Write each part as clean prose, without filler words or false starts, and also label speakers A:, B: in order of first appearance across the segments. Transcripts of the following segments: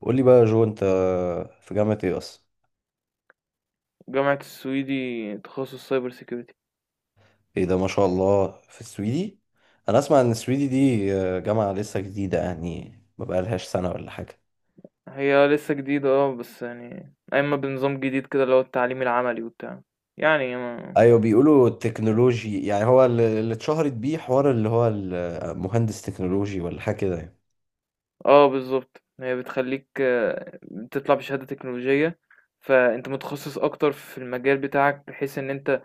A: قول لي بقى يا جو انت في جامعة ايه اصلا؟
B: جامعة السويدي، تخصص سايبر سيكيورتي.
A: ايه ده، ما شاء الله، في السويدي. انا اسمع ان السويدي دي جامعة لسه جديدة، يعني ما بقالهاش سنة ولا حاجة.
B: هي لسه جديدة، اه، بس يعني أما بنظام جديد كده اللي هو التعليم العملي وبتاع، يعني ما...
A: ايوه، بيقولوا التكنولوجي، يعني هو اللي اتشهرت بيه، حوار اللي هو المهندس تكنولوجي ولا حاجة كده يعني.
B: اه بالظبط. هي بتخليك، بتطلع بشهادة تكنولوجية، فأنت متخصص أكتر في المجال بتاعك، بحيث إن أنت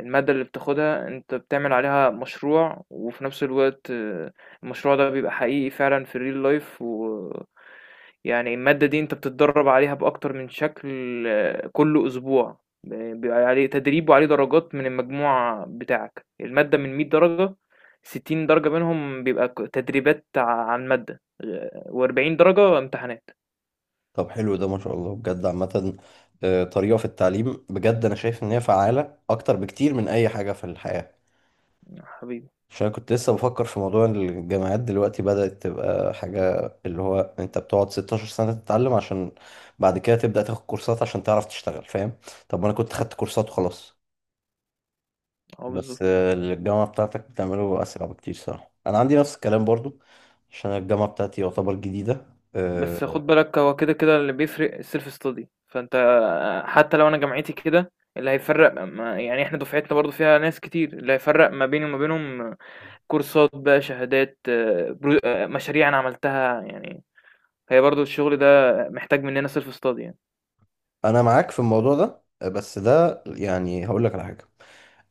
B: المادة اللي بتاخدها أنت بتعمل عليها مشروع، وفي نفس الوقت المشروع ده بيبقى حقيقي فعلا في الريل لايف، و يعني المادة دي أنت بتتدرب عليها بأكتر من شكل. كل أسبوع بيبقى عليه تدريب وعليه درجات من المجموع بتاعك. المادة من 100 درجة، 60 درجة منهم بيبقى تدريبات عن مادة، و40 درجة امتحانات.
A: طب حلو ده، ما شاء الله بجد. عامة طريقة في التعليم بجد، انا شايف ان هي فعالة اكتر بكتير من اي حاجة في الحياة.
B: حبيبي.
A: عشان كنت لسه بفكر في موضوع إن الجامعات دلوقتي بدأت تبقى حاجة اللي هو انت بتقعد 16 سنة تتعلم عشان بعد كده تبدأ تاخد كورسات عشان تعرف تشتغل، فاهم؟ طب ما انا كنت خدت كورسات وخلاص.
B: اه
A: بس
B: بالظبط.
A: الجامعة بتاعتك بتعمله أسرع بكتير صراحة. أنا عندي نفس الكلام برضو عشان الجامعة بتاعتي يعتبر جديدة.
B: بس
A: آه،
B: خد بالك، هو كده كده اللي بيفرق السيلف ستادي. فانت حتى لو انا جامعتي كده، اللي هيفرق ما يعني، احنا دفعتنا برضو فيها ناس كتير، اللي هيفرق ما بيني وما بينهم كورسات بقى، شهادات، مشاريع انا عملتها يعني. هي برضو الشغل ده محتاج مننا سيلف ستادي يعني.
A: أنا معاك في الموضوع ده، بس ده يعني هقول لك على حاجة.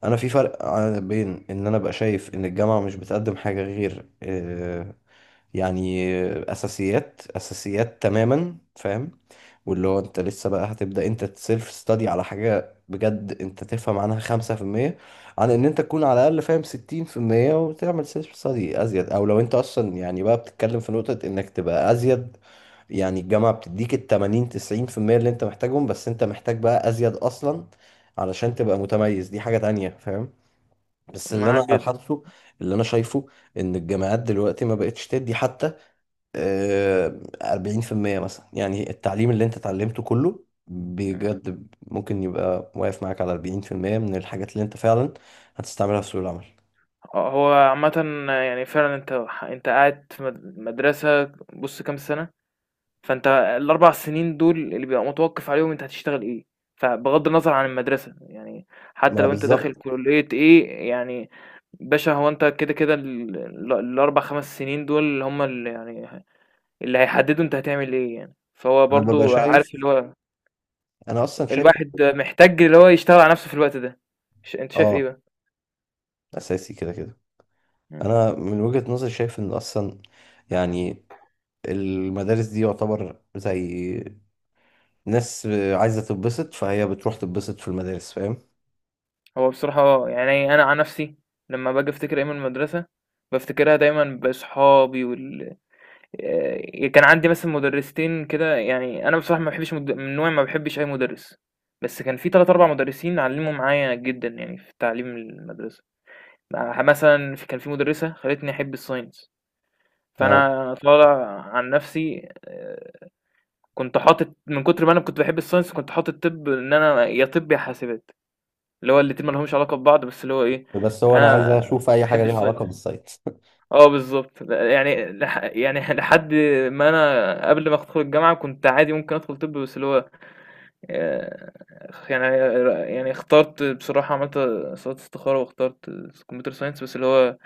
A: انا في فرق بين ان انا ابقى شايف ان الجامعه مش بتقدم حاجه غير يعني اساسيات اساسيات تماما، فاهم؟ واللي هو انت لسه بقى هتبدا انت تسيلف ستادي على حاجه بجد انت تفهم عنها 5%، عن ان انت تكون على الاقل فاهم 60% وتعمل سيلف ستادي ازيد. او لو انت اصلا يعني بقى بتتكلم في نقطه انك تبقى ازيد، يعني الجامعه بتديك ال 80 90% اللي انت محتاجهم، بس انت محتاج بقى ازيد اصلا علشان تبقى متميز. دي حاجة تانية، فاهم؟ بس اللي
B: معاك
A: انا
B: جدا.
A: حاسه، اللي انا شايفه ان الجامعات دلوقتي ما بقتش تدي حتى 40% مثلا. يعني التعليم اللي انت اتعلمته كله
B: مم.
A: بجد ممكن يبقى واقف معاك على 40% من الحاجات اللي انت فعلا هتستعملها في سوق العمل.
B: هو عامة يعني فعلا انت قاعد في مدرسة، بص كام سنة، فأنت ال4 سنين دول اللي بيبقى متوقّف عليهم أنت هتشتغل إيه. فبغض النظر عن المدرسة، يعني حتى
A: ما
B: لو أنت داخل
A: بالظبط.
B: كُلّية إيه، يعني باشا هو أنت كده، كده ال ال ال4، 5 سنين دول هم اللي يعني اللي هيحدّدوا أنت هتعمل إيه يعني. فهو
A: انا ببقى
B: برضه عارف
A: شايف
B: اللي هو
A: انا اصلا شايف.
B: الواحد محتاج اللي هو يشتغل على نَفْسه في الوقت ده. أنت شايف إيه
A: اه،
B: بقى؟
A: اساسي كده كده.
B: إمم،
A: انا من وجهة نظري شايف ان اصلا يعني المدارس دي يعتبر زي ناس عايزة تتبسط، فهي بتروح تتبسط في المدارس، فاهم؟
B: هو بصراحة، يعني أنا عن نَفْسي لمّا باجي أفتكر أيام المدرسة، بافتكرها دايمًا بأصحابي وال آه، كان عندي مثلا مدرستين كده. يعني انا بصراحه ما بحبش من نوعي ما بحبش اي مدرس، بس كان في ثلاث اربع مدرسين علموا معايا جدا، يعني في تعليم المدرسه. مثلا كان في مدرسه خلتني احب الساينس.
A: اه،
B: فانا طالع عن نفسي، كنت حاطط، من كتر ما انا كنت بحب الساينس كنت حاطط طب، ان انا يا طب يا حاسبات. اللي هو الاتنين ما لهمش علاقه ببعض، بس اللي هو ايه،
A: بس هو انا عايز
B: انا
A: اشوف اي حاجة
B: بحب
A: ليها
B: الساينس.
A: علاقة بالسايت
B: آه بالضبط. ل يعني لح يعني لحد ما أنا قبل ما أدخل الجامعة كنت عادي ممكن أدخل طِب. بس اللي هو آآ، يعني يعني اخترت بصراحة، عملت صلاة استخارة واخترت computer science. بس اللي هو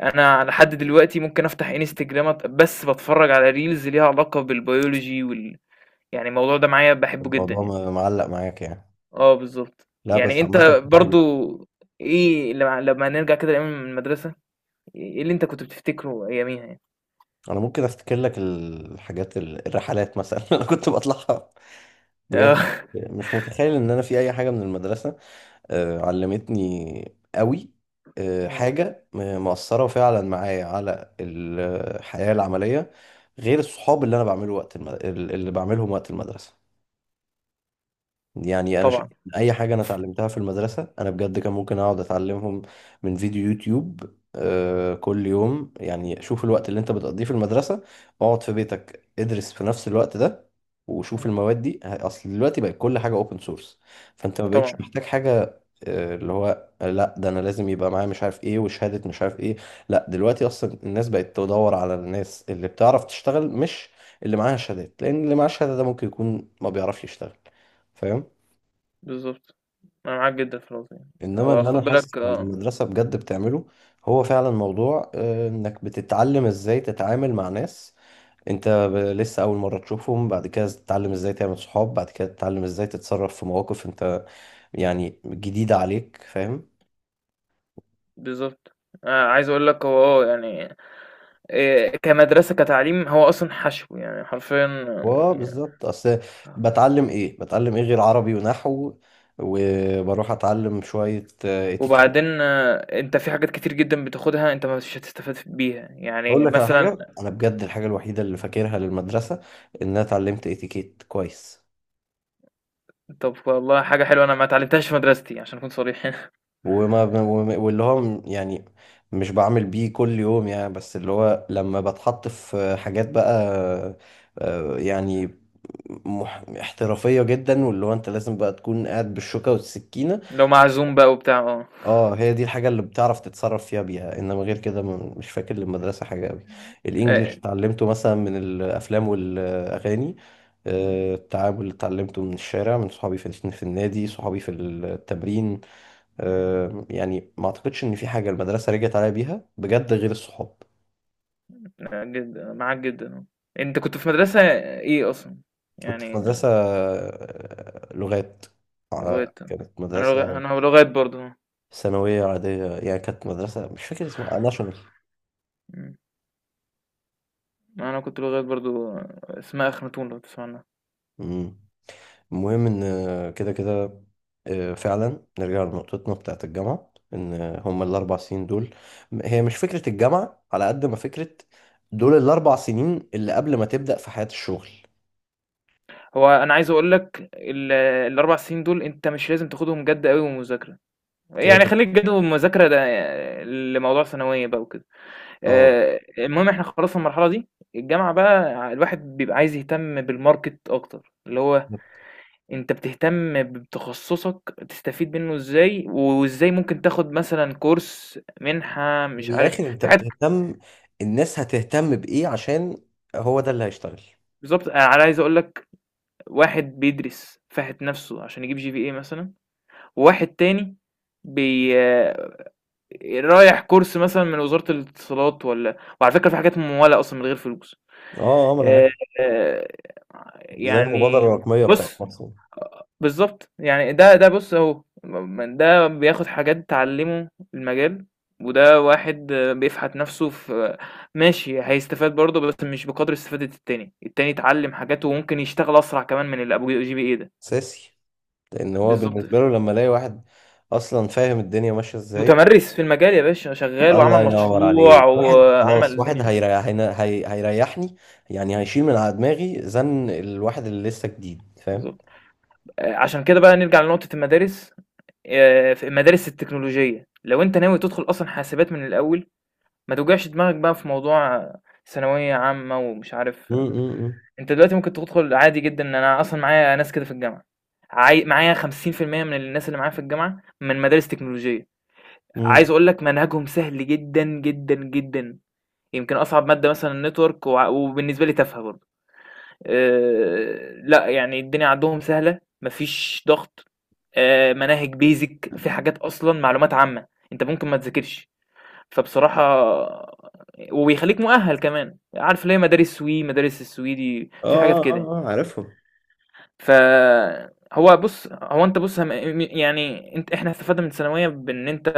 B: أنا على حد دلوقتي ممكن أفتح Instagram، بس باتفرّج على reels ليها علاقة بالbiology وال، يعني الموضوع ده معايا باحبه جدًا
A: الموضوع
B: يعني.
A: معلق معاك يعني.
B: آه بالضبط.
A: لا
B: يعني
A: بس
B: أنت
A: عامة حلو.
B: برضه إيه، لمّا نرجع كده لأيام المدرسة، إيه اللي أنت كنت بتفتكره أياميها يعني؟
A: انا ممكن افتكر لك الحاجات الرحلات مثلا انا كنت بطلعها
B: آه.
A: بجد. مش متخيل ان انا في اي حاجة من المدرسة علمتني قوي
B: إمم.
A: حاجة مؤثرة فعلا معايا على الحياة العملية، غير الصحاب اللي انا بعمله اللي بعملهم وقت المدرسة. يعني انا شايف
B: طبعًا.
A: إن اي حاجه انا اتعلمتها في المدرسه، انا بجد كان ممكن اقعد اتعلمهم من فيديو يوتيوب كل يوم. يعني شوف الوقت اللي انت بتقضيه في المدرسه، اقعد في بيتك ادرس في نفس الوقت ده، وشوف
B: إمم.
A: المواد دي اصل دلوقتي بقت كل حاجه اوبن سورس. فانت ما بقتش
B: طبعًا.
A: محتاج حاجه اللي هو لا، ده انا لازم يبقى معايا مش عارف ايه وشهاده مش عارف ايه. لا، دلوقتي اصلا الناس بقت تدور على الناس اللي بتعرف تشتغل، مش اللي معاها شهادات، لان اللي معاه شهاده ده ممكن يكون ما بيعرفش يشتغل، فاهم؟
B: بالضبط، أنا معاك جدًا في النقطة دي.
A: انما
B: هو
A: اللي
B: خُد
A: انا حاسس
B: بالك.
A: ان المدرسه بجد بتعمله، هو فعلا موضوع انك بتتعلم ازاي تتعامل مع ناس انت لسه اول مره تشوفهم، بعد كده تتعلم ازاي تعمل صحاب، بعد كده تتعلم ازاي تتصرف في مواقف انت يعني جديده عليك، فاهم؟
B: بالضبط، أنا عايز أقول لك، هو يعني كمدرسة كتعليم هو أصلًا حشو، يعني حرفيًا.
A: اه
B: ي
A: بالظبط. اصل
B: آه.
A: بتعلم ايه، بتعلم ايه غير عربي ونحو؟ وبروح اتعلم شويه اتيكيت.
B: وبعدين، أنت في حاجات كتير جدًا بتاخدها أنت مش هتستفاد بيها،
A: اقول
B: يعني
A: لك على
B: مثلًا.
A: حاجه، انا بجد الحاجه الوحيده اللي فاكرها للمدرسه ان انا اتعلمت اتيكيت كويس.
B: طب والله حاجة حلوة أنا ما اتعلمتهاش في مدرستي عشان أكون صريح هنا.
A: واللي هو يعني مش بعمل بيه كل يوم يعني، بس اللي هو لما بتحط في حاجات بقى يعني احترافية جدا، واللي هو انت لازم بقى تكون قاعد بالشوكة والسكينة.
B: اللي هو معزوم بقى وبتاع، آه،
A: اه، هي دي الحاجة اللي بتعرف تتصرف فيها بيها. انما غير كده مش فاكر للمدرسة حاجة قوي.
B: آآ
A: الانجليش اتعلمته مثلا من الافلام والاغاني.
B: إمم،
A: التعامل اللي اتعلمته من الشارع، من صحابي في النادي، صحابي في التمرين.
B: إمم،
A: يعني ما اعتقدش ان في حاجه المدرسه رجعت عليا بيها بجد غير الصحاب.
B: لأ جدًا، معاك جدًا. أنت كنت في مدرسة إيه أصلًا؟
A: كنت في
B: يعني
A: مدرسه لغات.
B: لغات.
A: كانت
B: انا لغات
A: مدرسه
B: انا لغات برضو.
A: ثانويه عاديه يعني. كانت مدرسه مش فاكر اسمها ناشونال.
B: مم. انا كنت لغات برضو. اسمها اخناتون لو تسمع عنها.
A: مم. المهم ان كده كده فعلا نرجع لنقطتنا بتاعت الجامعه، ان هما الاربع سنين دول، هي مش فكره الجامعه على قد ما فكره دول الاربع سنين اللي قبل ما تبدا في حياه الشغل.
B: هو انا عايز اقول لك الاربع سنين دول انت مش لازم تاخدهم جد قوي ومذاكره.
A: كده
B: يعني
A: كده.
B: خليك جد ومذاكره ده لموضوع ثانويه بقى وكده.
A: اه.
B: المهم احنا خلصنا المرحله دي. الجامعه بقى الواحد بيبقى عايز يهتم بالماركت اكتر، اللي هو انت بتهتم بتخصصك تستفيد منه ازاي، وازاي ممكن تاخد مثلا كورس، منحه، مش
A: من
B: عارف،
A: الاخر انت
B: في حاجات.
A: بتهتم الناس هتهتم بايه، عشان هو ده اللي هيشتغل.
B: بالضبط، أنا عايز أقول لك، واحد بيدرس فاحِت نَفْسه عشان يجيب GPA مثلًا، وواحد تاني بي آه، رايح كورس مثلًا من وزارة الاتصالات، والّا وعلى فكرة في حاجات ممولة أصلًا من غير فلوس.
A: اه، اه، ما انا
B: آآ
A: عارف، زي المبادره
B: يعني
A: الرقميه بتاعت
B: بُص. آه،
A: مصر.
B: بالضبط، يعني ده بُص أهو، ده بياخد حاجات تعلّمه المجال، وده واحد بيفحت نَفْسه في، ماشي. هيستفاد برضه، بس مش بقدر استفادة التاني. التاني اتعلّم حاجات وممكن يشتغل أسرع كمان من اللي أبو GPA ده.
A: اساسي، لان هو
B: بالضبط.
A: بالنسبه له لما الاقي واحد اصلا فاهم الدنيا ماشيه ازاي.
B: متمرّس في المجال يا باشا، شغّال وعمل
A: الله ينور
B: مشروع
A: عليك. واحد
B: وعمل
A: خلاص، واحد
B: الدنيا.
A: هيريح، هيريحني، يعني هيشيل من على دماغي زن الواحد اللي لسه جديد، فاهم؟
B: بالضبط. عشان كده بقى نرجع لنقطة المدارس. في المدارس التكنولوجية، لو أنت ناوي تدخل أصلًا حاسبات من الأول، ما توجعش دماغك بقى في موضوع ثانوية عامة ومش عارف.
A: امم، امم.
B: أنت دلوقتي ممكن تدخل عادي جدًا. أنا أصلًا معايا ناس كده في الجامعة، معايا 50% من الناس اللي معايا في الجامعة من مدارس تكنولوجية. عايز
A: امم،
B: أقول لك منهجهم سهل جدًا، جدًا، جدًا. يمكن أصعب مادة مثلًا الnetwork، وبالنسبة لي تافهة برضه. لا يعني الدنيا عندهم سهلة، مفيش ضغط. مناهج بيزك في حاجات أصلا معلومات عامة. أنت ممكن ما تذاكرش، فبصراحة. وبيخليك مؤهل كمان. عارف ليه مدارس سوي، مدارس السويدي
A: اه،
B: في حاجات
A: اه،
B: كده؟
A: اه، عارفهم.
B: فهو بص. هو انت بص. يعني انت احنا استفدنا من الثانويه بان انت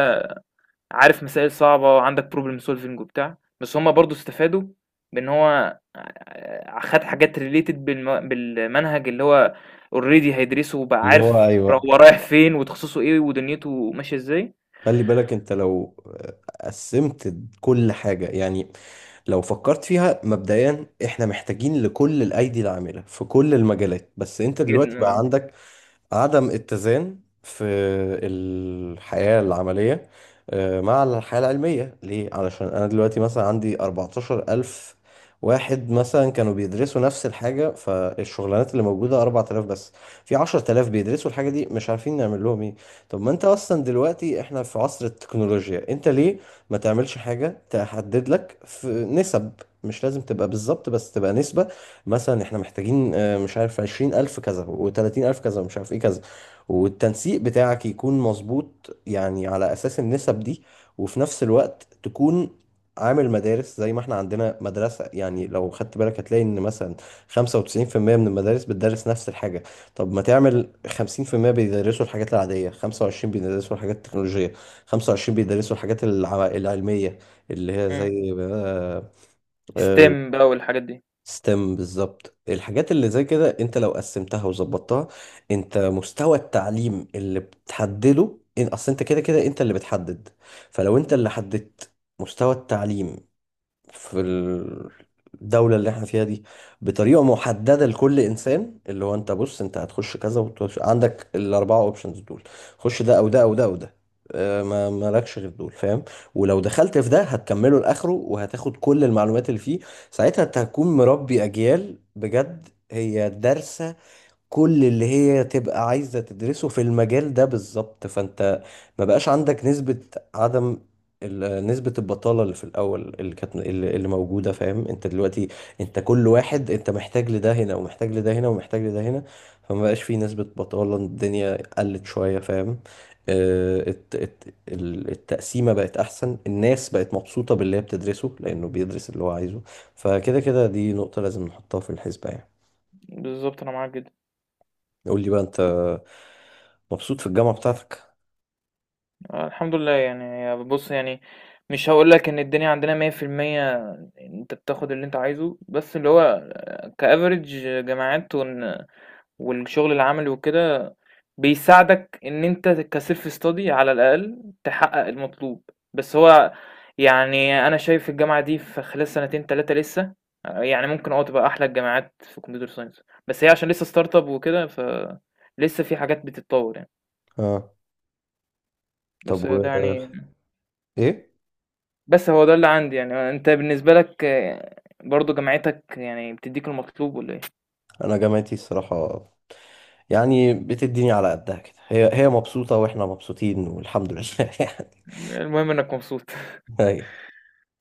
B: عارف مسائل صعبة وعندك problem solving وبتاع، بس هما برضو استفادوا بإن هو خد حاجات related بالمنهج اللي هو already هيدرسه، وبقى
A: اللي هو
B: عارف
A: ايوه.
B: هو رايح فين، وتخصصه ايه، ودنيته ماشية ازاي.
A: خلي بالك انت لو قسمت كل حاجة. يعني لو فكرت فيها مبدئيا، احنا محتاجين لكل الايدي العاملة في كل المجالات، بس انت دلوقتي
B: جدا
A: بقى
B: اه.
A: عندك عدم اتزان في الحياة العملية مع الحياة العلمية. ليه؟ علشان أنا دلوقتي مثلا عندي 14,000 واحد مثلا كانوا بيدرسوا نفس الحاجة، فالشغلانات اللي موجودة 4,000 بس، في 10,000 بيدرسوا الحاجة دي مش عارفين نعمل لهم ايه. طب ما انت اصلا دلوقتي احنا في عصر التكنولوجيا، انت ليه ما تعملش حاجة تحدد لك في نسب؟ مش لازم تبقى بالظبط، بس تبقى نسبة. مثلا احنا محتاجين مش عارف 20,000 كذا و30,000 كذا ومش عارف ايه كذا، والتنسيق بتاعك يكون مظبوط يعني على أساس النسب دي. وفي نفس الوقت تكون عامل مدارس زي ما احنا عندنا مدرسة. يعني لو خدت بالك هتلاقي ان مثلا 95% من المدارس بتدرس نفس الحاجة. طب ما تعمل 50% بيدرسوا الحاجات العادية، 25 بيدرسوا الحاجات التكنولوجية، 25 بيدرسوا الحاجات العلمية، اللي هي
B: مم.
A: زي آه،
B: STEM بقى والحاجات دي.
A: ستيم بالظبط. الحاجات اللي زي كده انت لو قسمتها وظبطتها، انت مستوى التعليم اللي بتحدده. ان اصل انت كده كده انت اللي بتحدد. فلو انت
B: مم.
A: اللي حددت مستوى التعليم في الدولة اللي احنا فيها دي بطريقة محددة لكل انسان، اللي هو انت بص انت هتخش كذا وتخش عندك الاربعة اوبشنز دول، خش ده او ده او ده او ده، ما مالكش غير دول، فاهم؟ ولو دخلت في ده هتكمله لاخره، وهتاخد كل المعلومات اللي فيه. ساعتها انت هتكون مربي اجيال بجد هي دارسة كل اللي هي تبقى عايزة تدرسه في المجال ده بالظبط. فانت ما بقاش عندك نسبة عدم نسبة البطالة اللي في الأول اللي كانت اللي موجودة، فاهم؟ انت دلوقتي انت كل واحد انت محتاج لده هنا ومحتاج لده هنا ومحتاج لده هنا. فما بقاش في نسبة بطالة. الدنيا قلت شوية، فاهم؟ التقسيمة بقت أحسن. الناس بقت مبسوطة باللي هي بتدرسه لأنه بيدرس اللي هو عايزه. فكده كده دي نقطة لازم نحطها في الحسبة يعني.
B: بالظبط انا معاك جدا.
A: قول لي بقى انت، مبسوط في الجامعة بتاعتك؟
B: الحمد لله يعني. بص يعني، مش هقول لك ان الدنيا عندنا 100%، انت بتاخد اللي انت عايزه، بس اللي هو كافريج جامعات والشغل العملي وكده بيساعدك ان انت كسيلف ستادي على الاقل تحقق المطلوب. بس هو يعني انا شايف الجامعه دي في خلال سنتين تلاتة لسه يعني ممكن اه تبقى احلى الجامعات في كمبيوتر ساينس. بس هي عشان لسه ستارت اب وكده، ف لسه في حاجات بتتطور يعني.
A: اه. طب
B: بس
A: و
B: ده يعني،
A: ايه؟
B: بس هو ده اللي عندي يعني. انت بالنسبه لك، برضو جامعتك يعني بتديك المطلوب ولا ايه؟
A: انا جامعتي الصراحة يعني بتديني على قدها كده. هي هي مبسوطة واحنا مبسوطين، والحمد لله
B: المهم انك مبسوط.
A: يعني.